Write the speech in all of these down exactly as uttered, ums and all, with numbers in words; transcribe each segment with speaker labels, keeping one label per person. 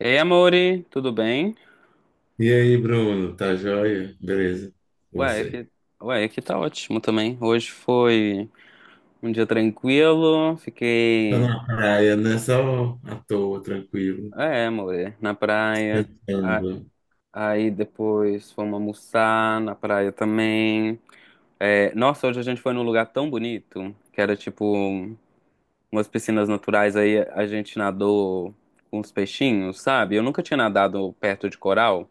Speaker 1: Ei, amore, tudo bem?
Speaker 2: E aí, Bruno, tá joia? Beleza, com
Speaker 1: Ué, aqui,
Speaker 2: você?
Speaker 1: ué, aqui tá ótimo também. Hoje foi um dia tranquilo,
Speaker 2: Tô
Speaker 1: fiquei,
Speaker 2: na praia, né? Só à toa, tranquilo,
Speaker 1: é, amore, na praia. A-
Speaker 2: pensando.
Speaker 1: Aí depois fomos almoçar na praia também. É, nossa, hoje a gente foi num lugar tão bonito, que era tipo umas piscinas naturais, aí a gente nadou com os peixinhos, sabe? Eu nunca tinha nadado perto de coral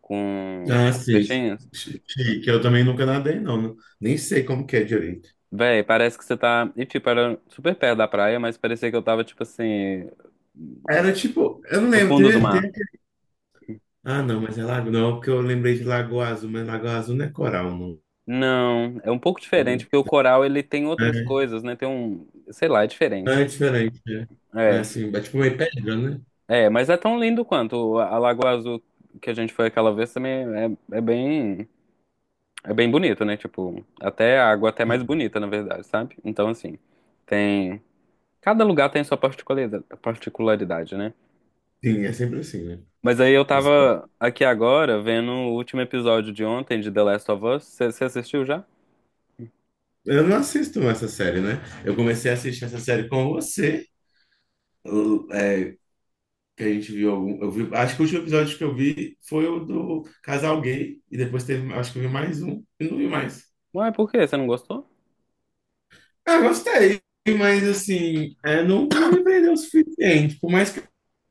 Speaker 1: com
Speaker 2: Ah, sim,
Speaker 1: peixinhos.
Speaker 2: chi- chique. Eu também nunca nadei, não. não- Nem sei como que é direito.
Speaker 1: Véi, parece que você tá. E tipo, era super perto da praia, mas parecia que eu tava, tipo assim.
Speaker 2: Era tipo, eu não
Speaker 1: No
Speaker 2: lembro,
Speaker 1: fundo do
Speaker 2: teve,
Speaker 1: mar.
Speaker 2: teve- Ah, não, mas é lago, não, porque eu lembrei de Lagoa Azul, mas Lagoa Azul não é coral, não.
Speaker 1: Não, é um pouco diferente,
Speaker 2: Não,
Speaker 1: porque o coral ele tem outras
Speaker 2: né?
Speaker 1: coisas, né? Tem um. Sei lá, é
Speaker 2: É,
Speaker 1: diferente.
Speaker 2: é diferente, né? É
Speaker 1: É,
Speaker 2: assim, é tipo meio pedra, né?
Speaker 1: é, mas é tão lindo quanto a a Lagoa Azul que a gente foi aquela vez também é, é bem. É bem bonito, né? Tipo, até a água até é mais bonita, na verdade, sabe? Então, assim, tem. Cada lugar tem sua particulari- particularidade, né?
Speaker 2: Sim, é sempre assim, né?
Speaker 1: Mas aí eu
Speaker 2: Os-
Speaker 1: tava aqui agora vendo o último episódio de ontem de The Last of Us. Você assistiu já?
Speaker 2: Eu não assisto essa série, né? Eu comecei a assistir essa série com você. é, que a gente viu algum. Eu vi, acho que o último episódio que eu vi foi o do casal gay. E depois teve, acho que eu vi mais um. E não vi mais.
Speaker 1: Ué, por quê? Você não gostou?
Speaker 2: Ah, gostei. Mas assim, é, não, não me prendeu o suficiente. Por mais que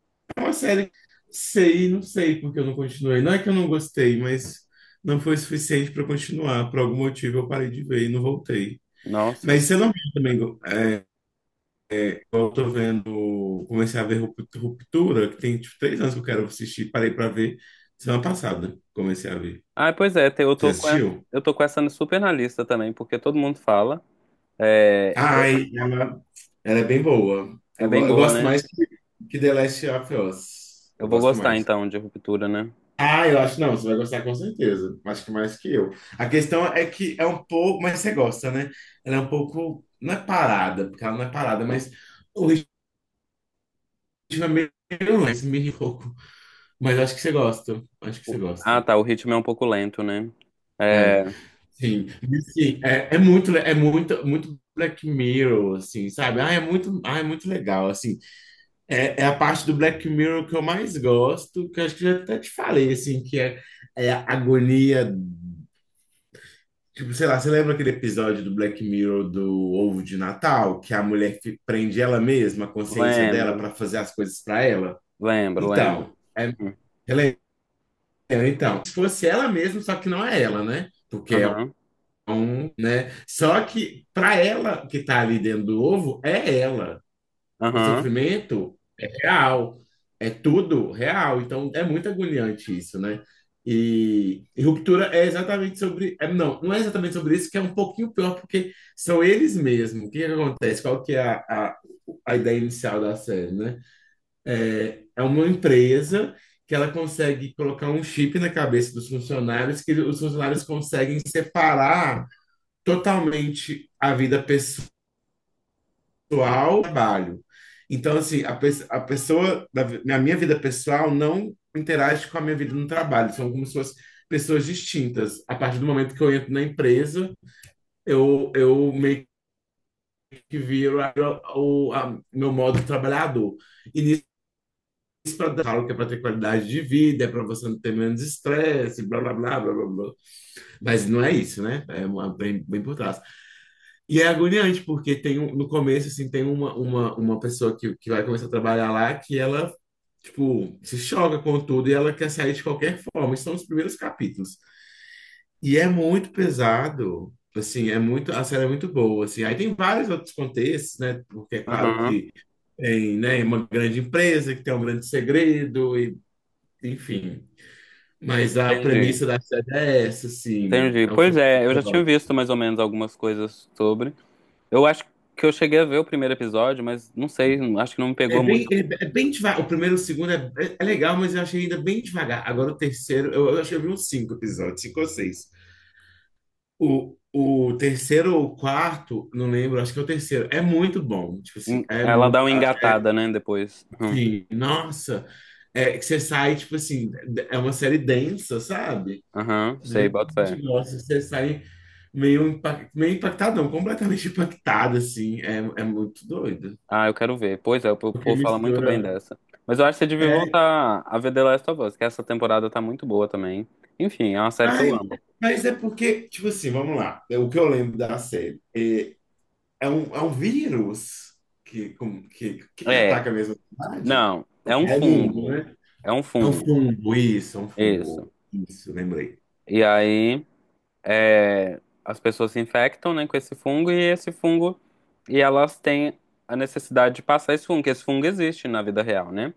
Speaker 2: é uma série. sei, não sei porque eu não continuei. Não é que eu não gostei, mas não foi suficiente para continuar. Por algum motivo eu parei de ver e não voltei.
Speaker 1: Nossa.
Speaker 2: Mas você não viu também. É, eu tô vendo, comecei a ver Rup- Ruptura, que tem tipo, três anos que eu quero assistir, parei pra ver semana passada, comecei a ver.
Speaker 1: Ah, pois é, te- eu
Speaker 2: Você
Speaker 1: tô com essa,
Speaker 2: assistiu?
Speaker 1: eu tô com essa super na lista também, porque todo mundo fala. É, eu-
Speaker 2: Ai, ela, ela é bem boa.
Speaker 1: É
Speaker 2: Eu,
Speaker 1: bem
Speaker 2: go- eu
Speaker 1: boa,
Speaker 2: gosto
Speaker 1: né?
Speaker 2: mais que, que The Last of Us.
Speaker 1: Eu
Speaker 2: Eu
Speaker 1: vou
Speaker 2: gosto
Speaker 1: gostar
Speaker 2: mais.
Speaker 1: então de Ruptura, né?
Speaker 2: Ah, eu acho não, você vai gostar com certeza. Acho que mais que eu. A questão é que é um pouco, mas você gosta, né? Ela é um pouco, não é parada, porque ela não é parada, mas o ritmo é meio lento, meio louco. Mas acho que você gosta. Acho que você
Speaker 1: O- Ah,
Speaker 2: gosta.
Speaker 1: tá, o ritmo é um pouco lento, né?
Speaker 2: É.
Speaker 1: É,
Speaker 2: Sim, mas, assim, é, é muito, le- é muito, muito Black Mirror, assim, sabe? Ah, é muito, ah, é muito legal, assim. É, é a parte do Black Mirror que eu mais gosto, que eu acho que eu até te falei, assim, que é, é a agonia, tipo, sei lá, você lembra aquele episódio do Black Mirror do Ovo de Natal, que a mulher fi- prende ela mesma, a consciência dela,
Speaker 1: lembro,
Speaker 2: para fazer as coisas para ela?
Speaker 1: lembro, lembro.
Speaker 2: Então, é,
Speaker 1: Hum.
Speaker 2: ela é- então, se fosse ela mesma, só que não é ela, né? Porque é
Speaker 1: Aham,
Speaker 2: Então, né? Só que para ela que está ali dentro do ovo, é ela. O
Speaker 1: aham,
Speaker 2: sofrimento é real, é tudo real. Então é muito agoniante isso, né? E, e Ruptura é exatamente sobre, é, não, não é exatamente sobre isso, que é um pouquinho pior, porque são eles mesmos. O que que acontece? Qual que é a, a, a ideia inicial da série, né? É uma empresa que ela consegue colocar um chip na cabeça dos funcionários, que os funcionários conseguem separar totalmente a vida pessoal, e trabalho. Então, assim, a, pe- a pessoa da na minha vida pessoal não interage com a minha vida no trabalho, são como se fossem pessoas distintas. A partir do momento que eu entro na empresa, eu, eu meio que viro a- o a- meu modo trabalhador. E nisso, pra, falo que é para ter qualidade de vida, é para você não ter menos estresse, blá, blá, blá, blá, blá, blá. Mas não é isso, né? É uma- bem, bem por trás. E é agoniante, porque tem um- no começo, assim, tem uma, uma, uma pessoa que, que vai começar a trabalhar lá que ela, tipo, se choca com tudo e ela quer sair de qualquer forma. Esses são os primeiros capítulos. E é muito pesado, assim, é muito, a série é muito boa, assim. Aí tem vários outros contextos, né? Porque é claro
Speaker 1: aham.
Speaker 2: que tem, né, uma grande empresa que tem um grande segredo, e, enfim. Mas a premissa
Speaker 1: Entendi,
Speaker 2: da série é essa, assim,
Speaker 1: entendi.
Speaker 2: é um
Speaker 1: Pois
Speaker 2: futuro.
Speaker 1: é, eu já tinha visto mais ou menos algumas coisas sobre. Eu acho que eu cheguei a ver o primeiro episódio, mas não sei, acho que não me
Speaker 2: É
Speaker 1: pegou
Speaker 2: bem,
Speaker 1: muito.
Speaker 2: é, é bem devagar. O primeiro e o segundo é, é é legal, mas eu achei ainda bem devagar. Agora o terceiro, eu, eu acho que eu vi uns cinco episódios, cinco ou seis. O, o terceiro ou o quarto, não lembro, acho que é o terceiro. É muito bom. Tipo
Speaker 1: Hum.
Speaker 2: assim, é
Speaker 1: Ela
Speaker 2: muito.
Speaker 1: dá uma engatada, né, depois. Hum.
Speaker 2: Assim, nossa, é que você sai, tipo assim, é uma série densa, sabe?
Speaker 1: Aham,
Speaker 2: Do
Speaker 1: sei,
Speaker 2: jeito que
Speaker 1: bota
Speaker 2: a
Speaker 1: fé.
Speaker 2: gente gosta, você sai meio, impact, meio impactado, não, completamente impactado, assim. É, é muito doido.
Speaker 1: Ah, eu quero ver. Pois é, o
Speaker 2: Porque
Speaker 1: povo fala muito bem
Speaker 2: mistura.
Speaker 1: dessa. Mas eu acho que você devia
Speaker 2: é,
Speaker 1: voltar a ver The Last of Us, que essa temporada tá muito boa também. Enfim, é uma série que eu
Speaker 2: Ai,
Speaker 1: amo.
Speaker 2: mas é porque, tipo assim, vamos lá. É O que eu lembro da série é, é, um, é um vírus que, como- que, que que
Speaker 1: É,
Speaker 2: ataca mesmo a cidade?
Speaker 1: não,
Speaker 2: O
Speaker 1: é um
Speaker 2: o mundo,
Speaker 1: fungo.
Speaker 2: né?
Speaker 1: É um
Speaker 2: É um
Speaker 1: fungo,
Speaker 2: fungo, isso, é um fungo.
Speaker 1: isso.
Speaker 2: Isso, lembrei.
Speaker 1: E aí, é, as pessoas se infectam, né, com esse fungo e esse fungo e elas têm a necessidade de passar esse fungo, que esse fungo existe na vida real, né?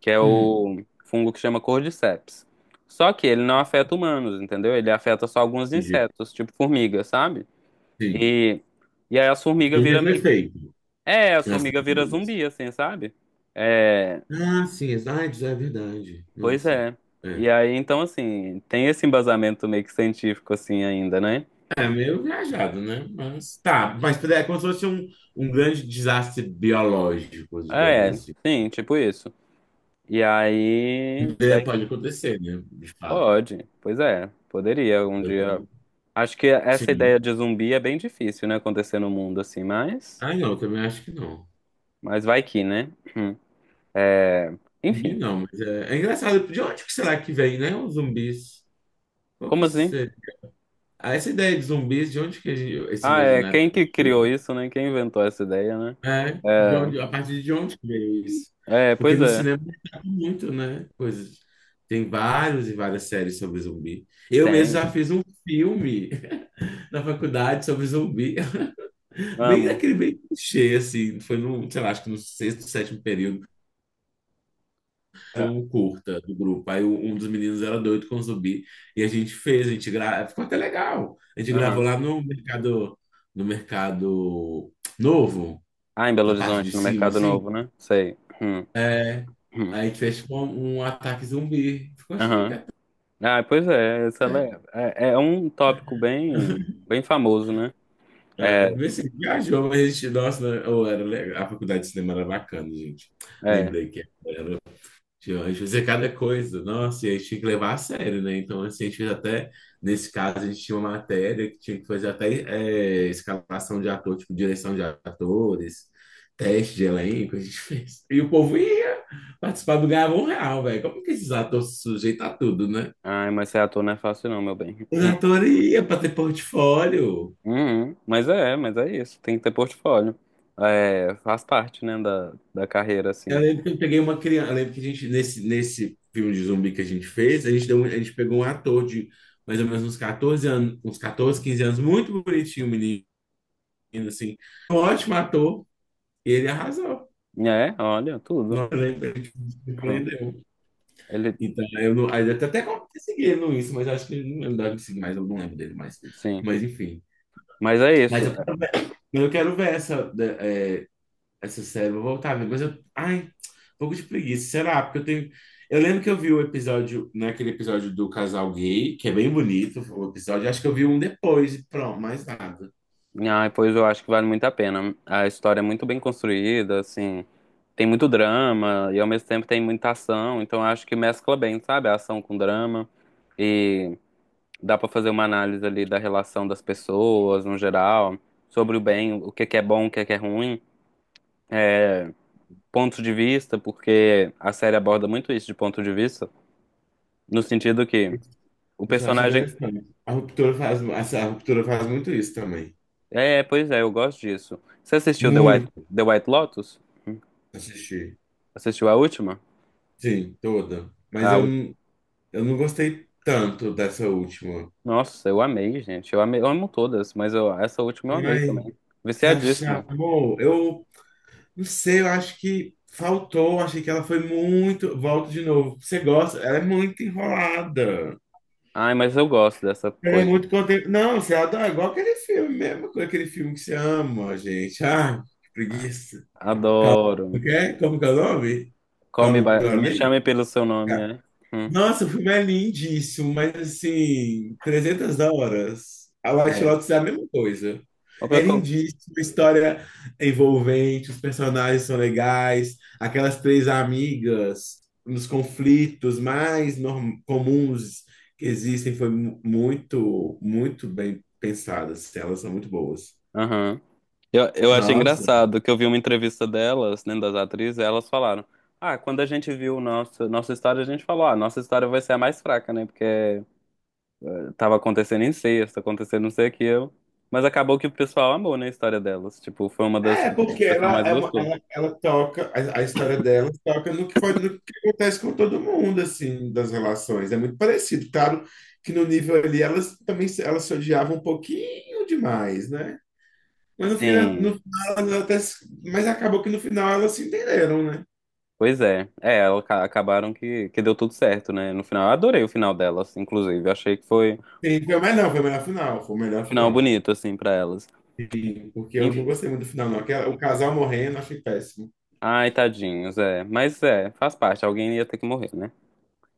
Speaker 1: Que é
Speaker 2: Hum,
Speaker 1: o fungo que chama cordyceps. Só que ele não afeta humanos, entendeu? Ele afeta só alguns
Speaker 2: entendi.
Speaker 1: insetos, tipo formiga, sabe?
Speaker 2: Sim.
Speaker 1: E e aí as
Speaker 2: E
Speaker 1: formigas
Speaker 2: tem o
Speaker 1: viram
Speaker 2: mesmo
Speaker 1: meio...
Speaker 2: efeito
Speaker 1: É, as
Speaker 2: nas
Speaker 1: formigas viram
Speaker 2: famílias.
Speaker 1: zumbi, assim, sabe? É,
Speaker 2: Ah, sim, AIDS é verdade.
Speaker 1: pois
Speaker 2: Nossa.
Speaker 1: é.
Speaker 2: É.
Speaker 1: E aí, então, assim, tem esse embasamento meio que científico, assim, ainda, né?
Speaker 2: É meio viajado, né? Mas tá, mas é como se fosse um, um grande desastre biológico, digamos
Speaker 1: É,
Speaker 2: assim.
Speaker 1: sim, tipo isso. E aí,
Speaker 2: É,
Speaker 1: aí
Speaker 2: pode acontecer, né? De fato.
Speaker 1: Pode. Pois é, poderia um dia.
Speaker 2: Então,
Speaker 1: Acho que essa
Speaker 2: sim.
Speaker 1: ideia de zumbi é bem difícil, né, acontecer no mundo assim, mas
Speaker 2: Ah, não, eu também acho que não.
Speaker 1: mas vai que, né? Hum. É,
Speaker 2: Zumbi
Speaker 1: enfim.
Speaker 2: não, mas é, é engraçado. De onde que será que vem, né? Os zumbis. Qual que
Speaker 1: Como
Speaker 2: isso
Speaker 1: assim?
Speaker 2: é? Ah, essa ideia de zumbis, de onde que a gente- esse
Speaker 1: Ah, é,
Speaker 2: imaginário
Speaker 1: quem
Speaker 2: que a
Speaker 1: que
Speaker 2: gente
Speaker 1: criou
Speaker 2: criou?
Speaker 1: isso, né? Quem inventou essa ideia, né?
Speaker 2: É, de onde, a partir de onde que veio isso?
Speaker 1: É, é,
Speaker 2: Porque
Speaker 1: pois
Speaker 2: no
Speaker 1: é.
Speaker 2: cinema tá muito, né? Coisas. Tem vários e várias séries sobre zumbi. Eu mesmo
Speaker 1: Tem.
Speaker 2: já fiz um filme na faculdade sobre zumbi. Bem
Speaker 1: Amo.
Speaker 2: aquele bem clichê, assim. Foi no, sei lá, acho que no sexto, sétimo período.
Speaker 1: É,
Speaker 2: Um curta do grupo. Aí o- um dos meninos era doido com zumbi e a gente fez, a gente gra... ficou até legal. A gente gravou
Speaker 1: aham.
Speaker 2: lá no mercado, no mercado novo,
Speaker 1: Ah, em Belo
Speaker 2: na parte de
Speaker 1: Horizonte, no
Speaker 2: cima,
Speaker 1: Mercado
Speaker 2: assim,
Speaker 1: Novo, né? Sei. Hum,
Speaker 2: né?
Speaker 1: hum.
Speaker 2: Aí a gente fez tipo um, um ataque zumbi. Ficou chique
Speaker 1: Aham.
Speaker 2: até.
Speaker 1: Ah, pois é, essa é, é, é um tópico bem, bem famoso, né?
Speaker 2: É,
Speaker 1: É.
Speaker 2: vê se viajou, mas a gente, nossa, né? Ou era legal. A faculdade de cinema era bacana, gente.
Speaker 1: É.
Speaker 2: Lembrei que Tinha- a gente fazia cada coisa, nossa, e a gente tinha que levar a sério, né? Então, assim, a gente fez até, nesse caso, a gente tinha uma matéria que tinha que fazer até é, escalação de ator, tipo, direção de atores, teste de elenco, a gente fez. E o povo ia participar do Ganhava um Real, velho. Como que esses atores se sujeitam a tudo, né?
Speaker 1: Ai, mas ser ator não é fácil não, meu bem.
Speaker 2: Os atores iam para ter portfólio.
Speaker 1: Uhum. Mas é, mas é isso. Tem que ter portfólio. É, faz parte, né, da, da carreira,
Speaker 2: Eu
Speaker 1: assim.
Speaker 2: lembro que eu peguei uma criança. Eu lembro que a gente, nesse, nesse filme de zumbi que a gente fez, a gente deu, um- a gente pegou um ator de mais ou menos uns quatorze anos, uns quatorze, quinze anos, muito bonitinho, o menino, assim. Um ótimo ator, e ele arrasou.
Speaker 1: É, olha, tudo.
Speaker 2: Não eu lembro, ele me
Speaker 1: Uhum.
Speaker 2: surpreendeu.
Speaker 1: Ele,
Speaker 2: Então, eu não, aí eu até consegui ele isso, mas eu acho que ele não ele não deve me seguir mais, eu não lembro dele mais.
Speaker 1: sim.
Speaker 2: Mas, enfim.
Speaker 1: Mas é
Speaker 2: Mas
Speaker 1: isso.
Speaker 2: eu, eu quero ver essa. é, Essa série, vou voltar a mas eu. Ai, um pouco de preguiça. Será? Porque eu tenho. Eu lembro que eu vi o episódio, naquele episódio do casal gay, que é bem bonito o episódio. Acho que eu vi um depois e pronto, mais nada.
Speaker 1: Ai, pois eu acho que vale muito a pena. A história é muito bem construída, assim. Tem muito drama e ao mesmo tempo tem muita ação. Então eu acho que mescla bem, sabe? A ação com drama. Dá para fazer uma análise ali da relação das pessoas no geral, sobre o bem, o que é que é bom, o que é que é ruim, pontos de vista, porque a série aborda muito isso de ponto de vista, no sentido que o
Speaker 2: Isso eu acho
Speaker 1: personagem.
Speaker 2: interessante. A ruptura faz, essa- a ruptura faz muito isso também.
Speaker 1: É, pois é, eu gosto disso. Você assistiu The White,
Speaker 2: Muito
Speaker 1: The White Lotus?
Speaker 2: assistir.
Speaker 1: Assistiu a última?
Speaker 2: Sim, toda. Mas
Speaker 1: A
Speaker 2: eu,
Speaker 1: ú-
Speaker 2: não- eu não gostei tanto dessa última.
Speaker 1: Nossa, eu amei, gente. Eu amei, eu amo todas, mas eu- essa última eu amei
Speaker 2: Ai,
Speaker 1: também.
Speaker 2: se achar,
Speaker 1: Viciadíssimo.
Speaker 2: amor, eu. Não sei, eu acho que faltou. Achei que ela foi muito. Volto de novo. Você gosta? Ela é muito enrolada.
Speaker 1: Ai, mas eu gosto dessa
Speaker 2: Ela é
Speaker 1: coisa.
Speaker 2: muito contente. Não, você adora. Igual aquele filme mesmo, com aquele filme que você ama, gente. Ah, que preguiça.
Speaker 1: Adoro.
Speaker 2: Ok? Como que é o nome?
Speaker 1: Call me
Speaker 2: Como
Speaker 1: by...
Speaker 2: que é o
Speaker 1: Me
Speaker 2: nome?
Speaker 1: chame pelo seu nome, é. Hum,
Speaker 2: Nossa, o filme é lindíssimo, mas assim, trezentas horas. A White
Speaker 1: é.
Speaker 2: Lotus é a mesma coisa.
Speaker 1: O pior
Speaker 2: É
Speaker 1: que eu,
Speaker 2: lindíssimo, a história é envolvente, os personagens são legais, aquelas três amigas nos conflitos mais norm- comuns que existem foi mu- muito, muito bem pensadas. Elas são muito boas.
Speaker 1: aham. Eu, eu acho
Speaker 2: Nossa.
Speaker 1: engraçado que eu vi uma entrevista delas, né, das atrizes, e elas falaram: Ah, quando a gente viu nossa, nossa história, a gente falou: Ah, nossa história vai ser a mais fraca, né? Porque tava acontecendo incesto, acontecendo não sei o que eu. Mas acabou que o pessoal amou, né, a história delas. Tipo, foi uma das
Speaker 2: É,
Speaker 1: que o
Speaker 2: porque
Speaker 1: pessoal
Speaker 2: ela,
Speaker 1: mais
Speaker 2: é uma-
Speaker 1: gostou.
Speaker 2: ela, ela toca, a, a história dela toca no que, pode, no que acontece com todo mundo, assim, das relações. É muito parecido. Claro que no nível ali elas também se- elas se odiavam um pouquinho demais, né? Mas no final,
Speaker 1: Sim,
Speaker 2: no final elas até, se- mas acabou que no final elas se entenderam, né?
Speaker 1: pois é. É, elas ca- acabaram que, que deu tudo certo, né? No final, eu adorei o final delas, inclusive. Eu achei que foi
Speaker 2: Sim, foi o melhor, foi o melhor final, foi o
Speaker 1: um
Speaker 2: melhor
Speaker 1: final
Speaker 2: final.
Speaker 1: bonito, assim, pra elas.
Speaker 2: Sim, porque eu não gostei muito do final, não. Aquela, o casal morrendo, eu achei péssimo.
Speaker 1: Ai, tadinhos, é. Mas é, faz parte. Alguém ia ter que morrer, né?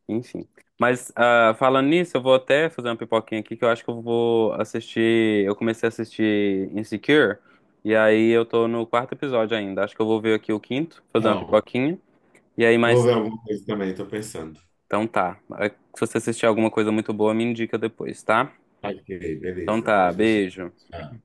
Speaker 1: Enfim. Mas ah, falando nisso, eu vou até fazer uma pipoquinha aqui que eu acho que eu vou assistir. Eu comecei a assistir Insecure, e aí eu tô no quarto episódio ainda. Acho que eu vou ver aqui o quinto, fazer uma
Speaker 2: Então,
Speaker 1: pipoquinha. E aí,
Speaker 2: eu vou
Speaker 1: mas.
Speaker 2: ver alguma coisa também, estou pensando.
Speaker 1: Então tá. Se você assistir alguma coisa muito boa, me indica depois, tá?
Speaker 2: Ok,
Speaker 1: Então
Speaker 2: beleza,
Speaker 1: tá,
Speaker 2: pode deixar.
Speaker 1: beijo.
Speaker 2: Tchau.